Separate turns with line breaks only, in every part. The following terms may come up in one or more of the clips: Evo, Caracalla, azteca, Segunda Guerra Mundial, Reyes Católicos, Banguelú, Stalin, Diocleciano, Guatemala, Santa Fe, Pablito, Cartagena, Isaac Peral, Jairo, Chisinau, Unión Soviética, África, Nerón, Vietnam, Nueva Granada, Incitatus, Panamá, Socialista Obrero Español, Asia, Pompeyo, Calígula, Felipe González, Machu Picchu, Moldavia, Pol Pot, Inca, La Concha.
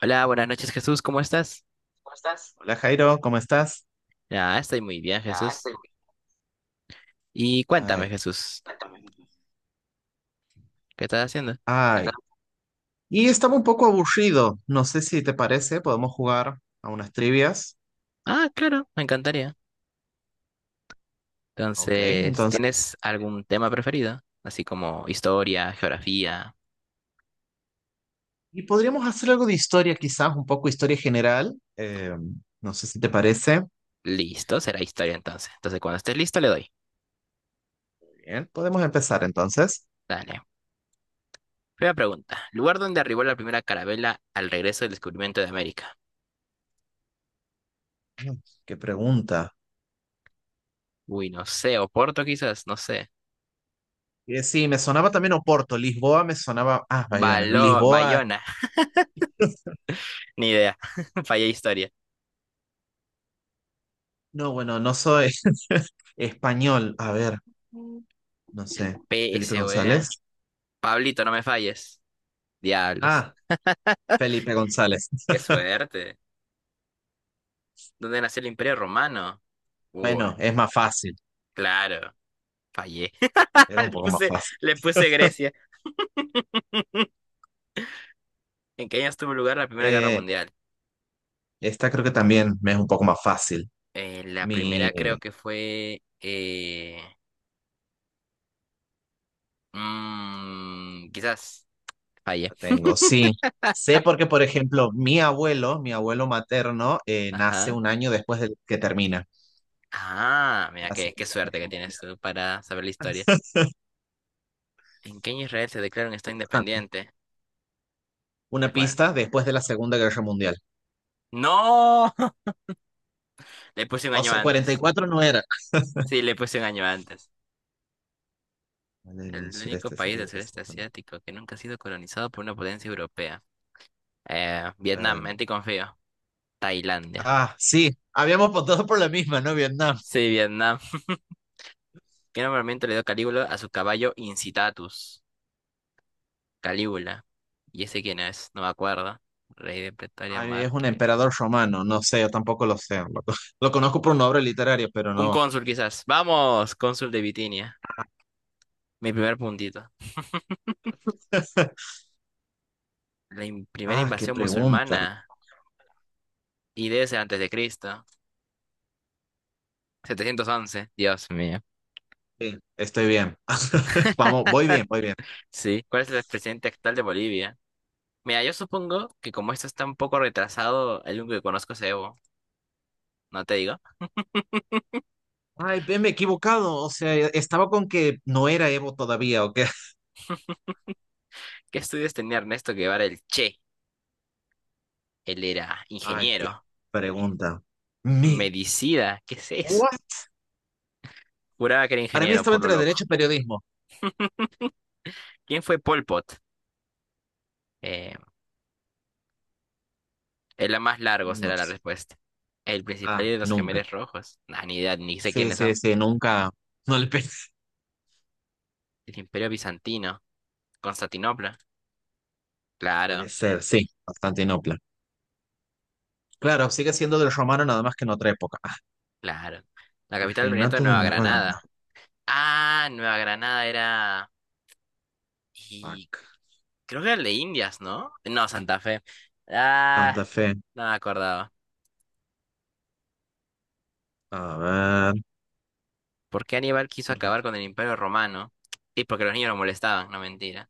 Hola, buenas noches Jesús, ¿cómo estás?
Hola Jairo, ¿cómo estás?
Ah, estoy muy bien Jesús. Y cuéntame
Ay, ¿Qué
Jesús, ¿qué estás haciendo?
tal? Ay. Tal? Y estaba un poco aburrido. No sé si te parece, podemos jugar a unas trivias.
Ah, claro, me encantaría.
Ok,
Entonces,
entonces.
¿tienes algún tema preferido? Así como historia, geografía.
Y podríamos hacer algo de historia, quizás, un poco historia general. No sé si te parece.
Listo, será historia entonces. Entonces, cuando estés listo, le doy.
Bien, podemos empezar entonces.
Dale. Primera pregunta. ¿Lugar donde arribó la primera carabela al regreso del descubrimiento de América?
Mm, Qué pregunta.
Uy, no sé, Oporto quizás, no sé.
Sí, me sonaba también Oporto. Lisboa me sonaba. Ah, Bayona.
Baló,
Lisboa.
Bayona, ni idea. Fallé historia.
No, bueno, no soy español. A ver, no
El
sé. Felipe
PSOE.
González.
Pablito, no me falles. Diablos.
Ah, Felipe González.
Qué suerte. ¿Dónde nació el Imperio Romano? Uy,
Bueno, es más fácil,
claro, fallé.
era un
Le
poco más
puse,
fácil.
le puse Grecia. ¿En qué años tuvo lugar la Primera Guerra
Eh,
Mundial?
Esta creo que también me es un poco más fácil.
La primera creo
La
que fue... quizás fallé.
tengo, sí. Sé porque, por ejemplo, mi abuelo materno, nace
Ajá.
un año después de que termina
Ah, mira,
la
qué
Segunda
suerte
Guerra
que tienes
Mundial.
tú para saber la historia. ¿En qué año Israel se declara un Estado
También.
independiente? No me
Una
acuerdo.
pista después de la Segunda Guerra Mundial.
¡No! Le puse un
O
año
sea, cuarenta y
antes.
cuatro no era.
Sí, le puse un año antes.
Vale, en un
El único
sureste
país del
asiático.
sureste asiático que nunca ha sido colonizado por una potencia europea.
Eh,
Vietnam, en ti confío. Tailandia.
Ah, sí, habíamos votado por la misma, ¿no? Vietnam.
Sí, Vietnam. ¿Qué nombramiento le dio Calígula a su caballo Incitatus? Calígula. ¿Y ese quién es? No me acuerdo. Rey de Pretoria
Ay, es un
Márquez.
emperador romano, no sé, yo tampoco lo sé. Lo conozco por una obra literaria, pero
Un
no.
cónsul quizás. Vamos, cónsul de Bitinia. Mi primer puntito. La primera
Ah, qué
invasión
pregunta.
musulmana. Y debe ser antes de Cristo. 711. Dios mío.
Sí, estoy bien. Vamos, voy bien, voy bien.
Sí. ¿Cuál es el presidente actual de Bolivia? Mira, yo supongo que como esto está un poco retrasado, el único que conozco es Evo, no te digo.
Ay, ve, me he equivocado. O sea, estaba con que no era Evo todavía, ¿o qué?
¿Qué estudios tenía Ernesto Guevara el Che? Él era
Ay, qué
ingeniero,
pregunta. Mi,
medicida ¿qué es eso?
What?
Juraba que era
Para mí
ingeniero,
estaba
por lo
entre
loco.
derecho y periodismo.
¿Quién fue Pol Pot? Eh, el más largo
No
será la
sé.
respuesta. El principal
Ah,
de los
nunca.
gemelos rojos. Nah, ni idea, ni sé
Sí,
quiénes son.
sí, sí, nunca. No le pensé.
El Imperio Bizantino. Constantinopla.
Puede
Claro,
ser, sí, Constantinopla. Claro, sigue siendo del romano, nada más que en otra época. Ah,
claro. La
el
capital del Virreinato de
reinato de
Nueva
Nueva
Granada.
Granada.
Ah, Nueva Granada era... ¿Y
Fuck.
Creo que era el de Indias, ¿no? No, Santa Fe. Ah,
Santa Fe.
no me acordaba.
A ver.
¿Por qué Aníbal quiso
¿Por qué?
acabar con el Imperio Romano? Y porque los niños lo molestaban, no mentira.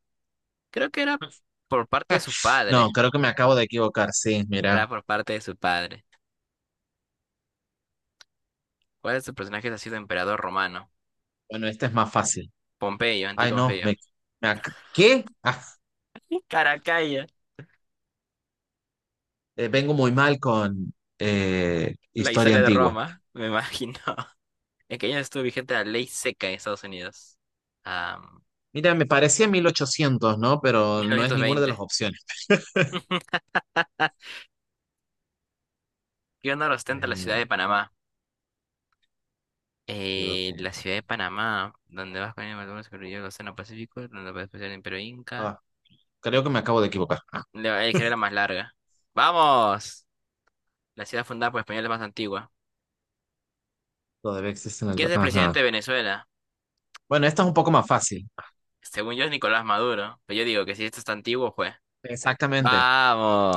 Creo que era por parte de su
No,
padre.
creo que me acabo de equivocar. Sí, mira.
Era por parte de su padre. ¿Cuál de sus personajes ha sido emperador romano?
Bueno, este es más fácil.
Pompeyo,
Ay, no.
Anticonfeo.
¿Qué? Ah,
Caracalla.
vengo muy mal con
La
historia
historia de
antigua.
Roma, me imagino. ¿En qué año estuvo vigente la ley seca en Estados Unidos? Ah,
Mira, me parecía 1800, ¿no? Pero no es ninguna de las
1920.
opciones.
Ah, ¿qué honor ostenta la ciudad
Eh,
de Panamá?
Ciudad
La ciudad
fundadora.
de Panamá, donde vas con el Malvinas, corrió el Océano Pacífico, donde puedes pasar el Imperio Inca.
Ah, creo que me acabo de equivocar. Ah,
La es que era la más larga. ¡Vamos! La ciudad fundada por españoles más antigua.
todavía existe el.
¿Quién es el
Ajá.
presidente de Venezuela?
Bueno, esta es un poco más fácil.
Según yo es Nicolás Maduro, pero yo digo que si esto está antiguo, pues.
Exactamente.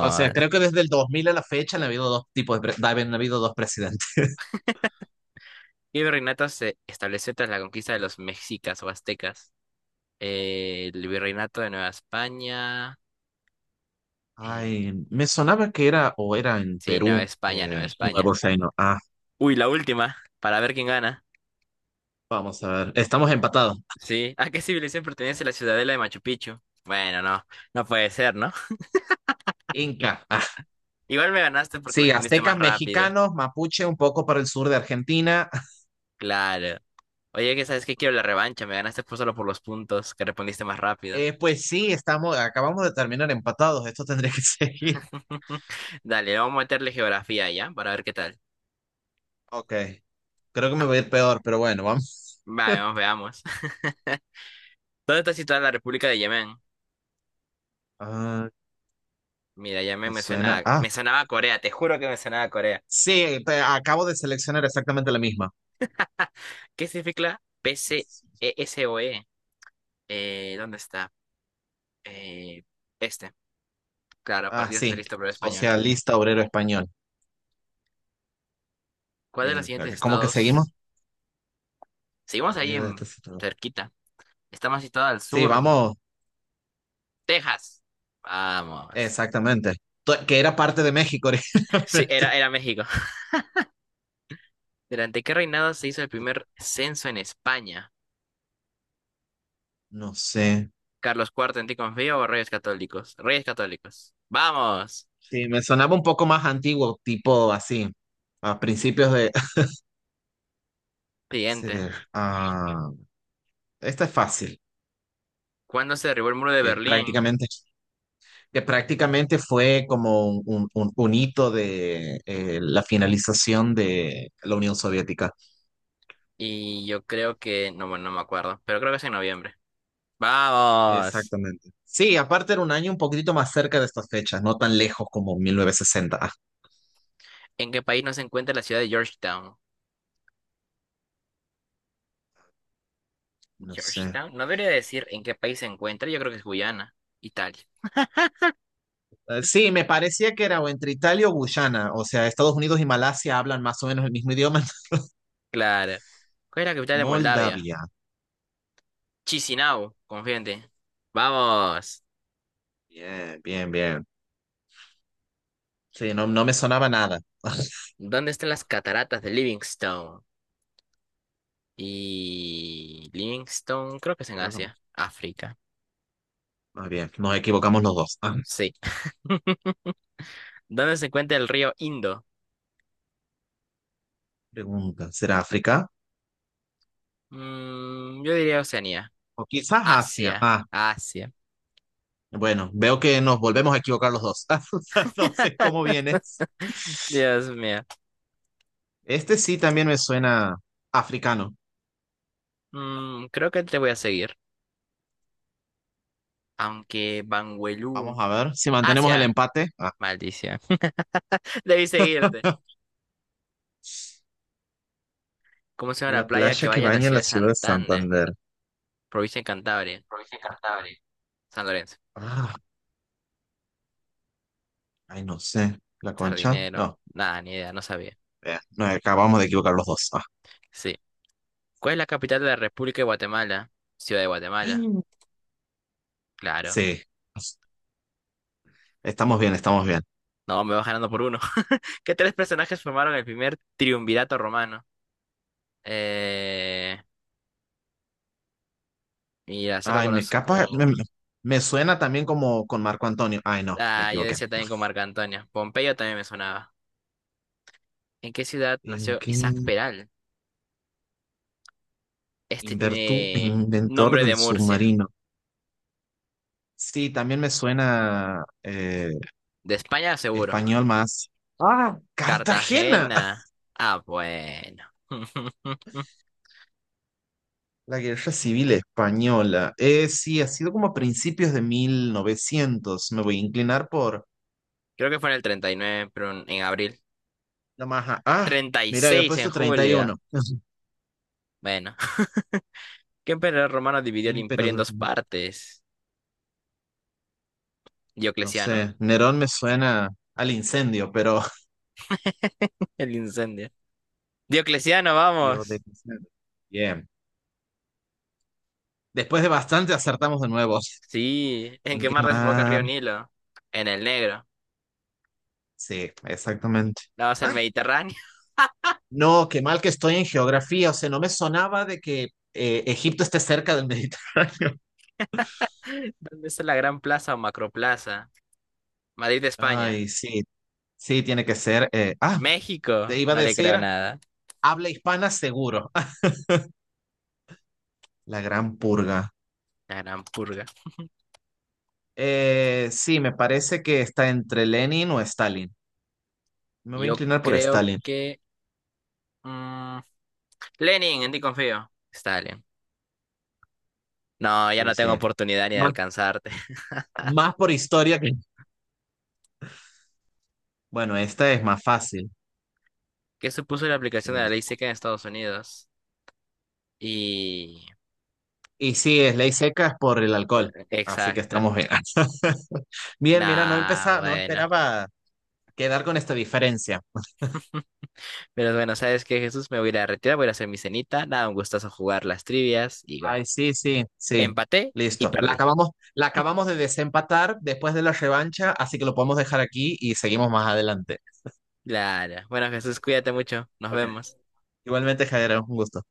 O sea, creo que desde el 2000 a la fecha han habido dos presidentes.
¿Qué virreinato se estableció tras la conquista de los mexicas o aztecas? El virreinato de Nueva España. eh,
Ay, me sonaba que era o era en
sí, Nueva
Perú,
España, Nueva
un
España.
nuevo reino. Ah,
Uy, la última, para ver quién gana.
vamos a ver. Estamos empatados.
Sí. ¿A qué civilización pertenece la ciudadela de Machu Picchu? Bueno, no, no puede ser, ¿no?
Inca. Ah,
Igual me ganaste porque
sí,
respondiste más
aztecas,
rápido.
mexicanos, mapuche, un poco para el sur de Argentina.
Claro. Oye, que sabes que quiero la revancha, me ganaste por solo por los puntos que respondiste más rápido.
Pues sí, acabamos de terminar empatados. Esto tendría que seguir.
Dale, vamos a meterle geografía ya, para ver qué tal.
Ok, creo que me va a ir peor, pero bueno, vamos.
Vale, vamos, veamos. ¿Dónde está situada la República de Yemen?
Ah,
Mira, Yemen
me
me
suena.
suena,
Ah,
me sonaba a Corea, te juro que me sonaba a Corea.
sí, acabo de seleccionar exactamente la misma.
¿Qué significa PCESOE? ¿Dónde está? Eh, este, claro,
Ah,
Partido
sí.
Socialista Obrero Español.
Socialista Obrero Español.
¿Cuál de los
Bien,
siguientes
¿cómo que seguimos?
estados? Seguimos ahí
Unido de
en
estos.
cerquita. Está más situada al
Sí,
sur.
vamos,
Texas. Vamos.
exactamente. Que era parte de México
Sí,
originalmente.
era México. ¿Durante qué reinado se hizo el primer censo en España?
No sé.
¿Carlos Cuarto en ti confío o Reyes Católicos? Reyes Católicos. Vamos.
Sí, me sonaba un poco más antiguo, tipo así, a principios de.
Siguiente.
Ceder. Ah, esta es fácil,
¿Cuándo se derribó el muro de
que
Berlín?
prácticamente, que prácticamente fue como un hito de la finalización de la Unión Soviética.
Y yo creo que... No, bueno, no me acuerdo. Pero creo que es en noviembre. Vamos.
Exactamente. Sí, aparte era un año un poquitito más cerca de estas fechas, no tan lejos como 1960. Ah,
¿En qué país no se encuentra la ciudad de Georgetown?
no sé.
Georgetown. No debería decir en qué país se encuentra. Yo creo que es Guyana. Italia.
Sí, me parecía que era o entre Italia o Guyana, o sea, Estados Unidos y Malasia hablan más o menos el mismo idioma.
Claro. ¿Cuál es la capital de Moldavia?
Moldavia.
Chisinau, confíate. Vamos.
Bien, bien, bien. Sí, no, no me sonaba nada.
¿Dónde están las cataratas de Livingstone? Y Livingstone, creo que es en
Creo que
Asia. África.
más bien, nos equivocamos los dos. Ah,
Sí. ¿Dónde se encuentra el río Indo?
pregunta, ¿será África?
Yo diría Oceanía.
O quizás Asia.
Asia.
Ah,
Asia.
bueno, veo que nos volvemos a equivocar los dos. Entonces, ¿cómo vienes?
Dios mío.
Este sí también me suena africano.
Creo que te voy a seguir. Aunque
Vamos
Banguelú.
a ver si mantenemos el
Asia.
empate. Ah,
Maldición. Debí seguirte. ¿Cómo se llama la
la
playa que
playa que
vaya a la
baña
ciudad
la
de
ciudad de
Santander,
Santander.
provincia de Cantabria? San Lorenzo.
Ah, ay, no sé. ¿La Concha?
Sardinero.
No.
Nada, ni idea, no sabía.
No, acabamos de equivocar los dos. Ah.
Sí. ¿Cuál es la capital de la República de Guatemala? Ciudad de
Ay,
Guatemala. Claro.
sí. Estamos bien, estamos bien.
No, me vas ganando por uno. ¿Qué tres personajes formaron el primer triunvirato romano? Eh, mira, solo
Ay, me capa. Me, me-
conozco.
me suena también como con Marco Antonio. Ay, no, me
Ah, yo
equivoqué.
decía
No.
también con Marco Antonio. Pompeyo también me sonaba. ¿En qué ciudad
¿En
nació Isaac
qué?
Peral? Este tiene
Inventor
nombre
del
de Murcia.
submarino. Sí, también me suena
De España, seguro.
español más. Ah, Cartagena.
Cartagena. Ah, bueno.
La guerra civil española. Sí, ha sido como a principios de 1900. Me voy a inclinar por
Creo que fue en el 39 pero en abril.
la maja. Ah,
treinta y
mira, había
seis en
puesto
julio.
31.
Bueno. ¿Qué emperador romano dividió
¿Qué
el imperio en
emperador?
dos partes?
No
Diocleciano.
sé. Nerón me suena al incendio, pero.
El incendio. Diocleciano,
Dios de
vamos.
incendio. Bien. Después de bastante acertamos de nuevo.
Sí. ¿En
¿En
qué
qué
mar desemboca el río
mar?
Nilo? En el Negro.
Sí, exactamente.
Vamos al
Ay,
Mediterráneo.
no, qué mal que estoy en geografía. O sea, no me sonaba de que Egipto esté cerca del Mediterráneo.
¿Dónde está la Gran Plaza o Macroplaza? Madrid, España.
Ay, sí. Sí, tiene que ser. Te
México.
iba a
No le creo
decir,
nada.
habla hispana seguro. La gran purga.
La Gran Purga.
Sí, me parece que está entre Lenin o Stalin. Me voy a
Yo
inclinar por
creo
Stalin.
que... mm, Lenin, en ti confío. Stalin. No, ya
Sí,
no
sí.
tengo oportunidad ni de alcanzarte.
Más por historia que. Bueno, esta es más fácil.
Que supuso la aplicación de la ley seca en Estados Unidos. Y...
Y sí, es ley seca, es por el alcohol. Así que
exacto.
estamos bien. Bien, mira, no
Nah,
empezaba, no
bueno.
esperaba quedar con esta diferencia.
Pero bueno, ¿sabes qué, Jesús? Me voy a ir a retirar, voy a ir a hacer mi cenita. Nada, un gustazo jugar las trivias. Y bueno,
Ay, sí, sí, sí.
empaté y
Listo. La
perdí.
acabamos, la acabamos de desempatar después de la revancha, así que lo podemos dejar aquí y seguimos más adelante.
Claro. Bueno, Jesús, cuídate mucho. Nos vemos.
Igualmente, Javier, un gusto.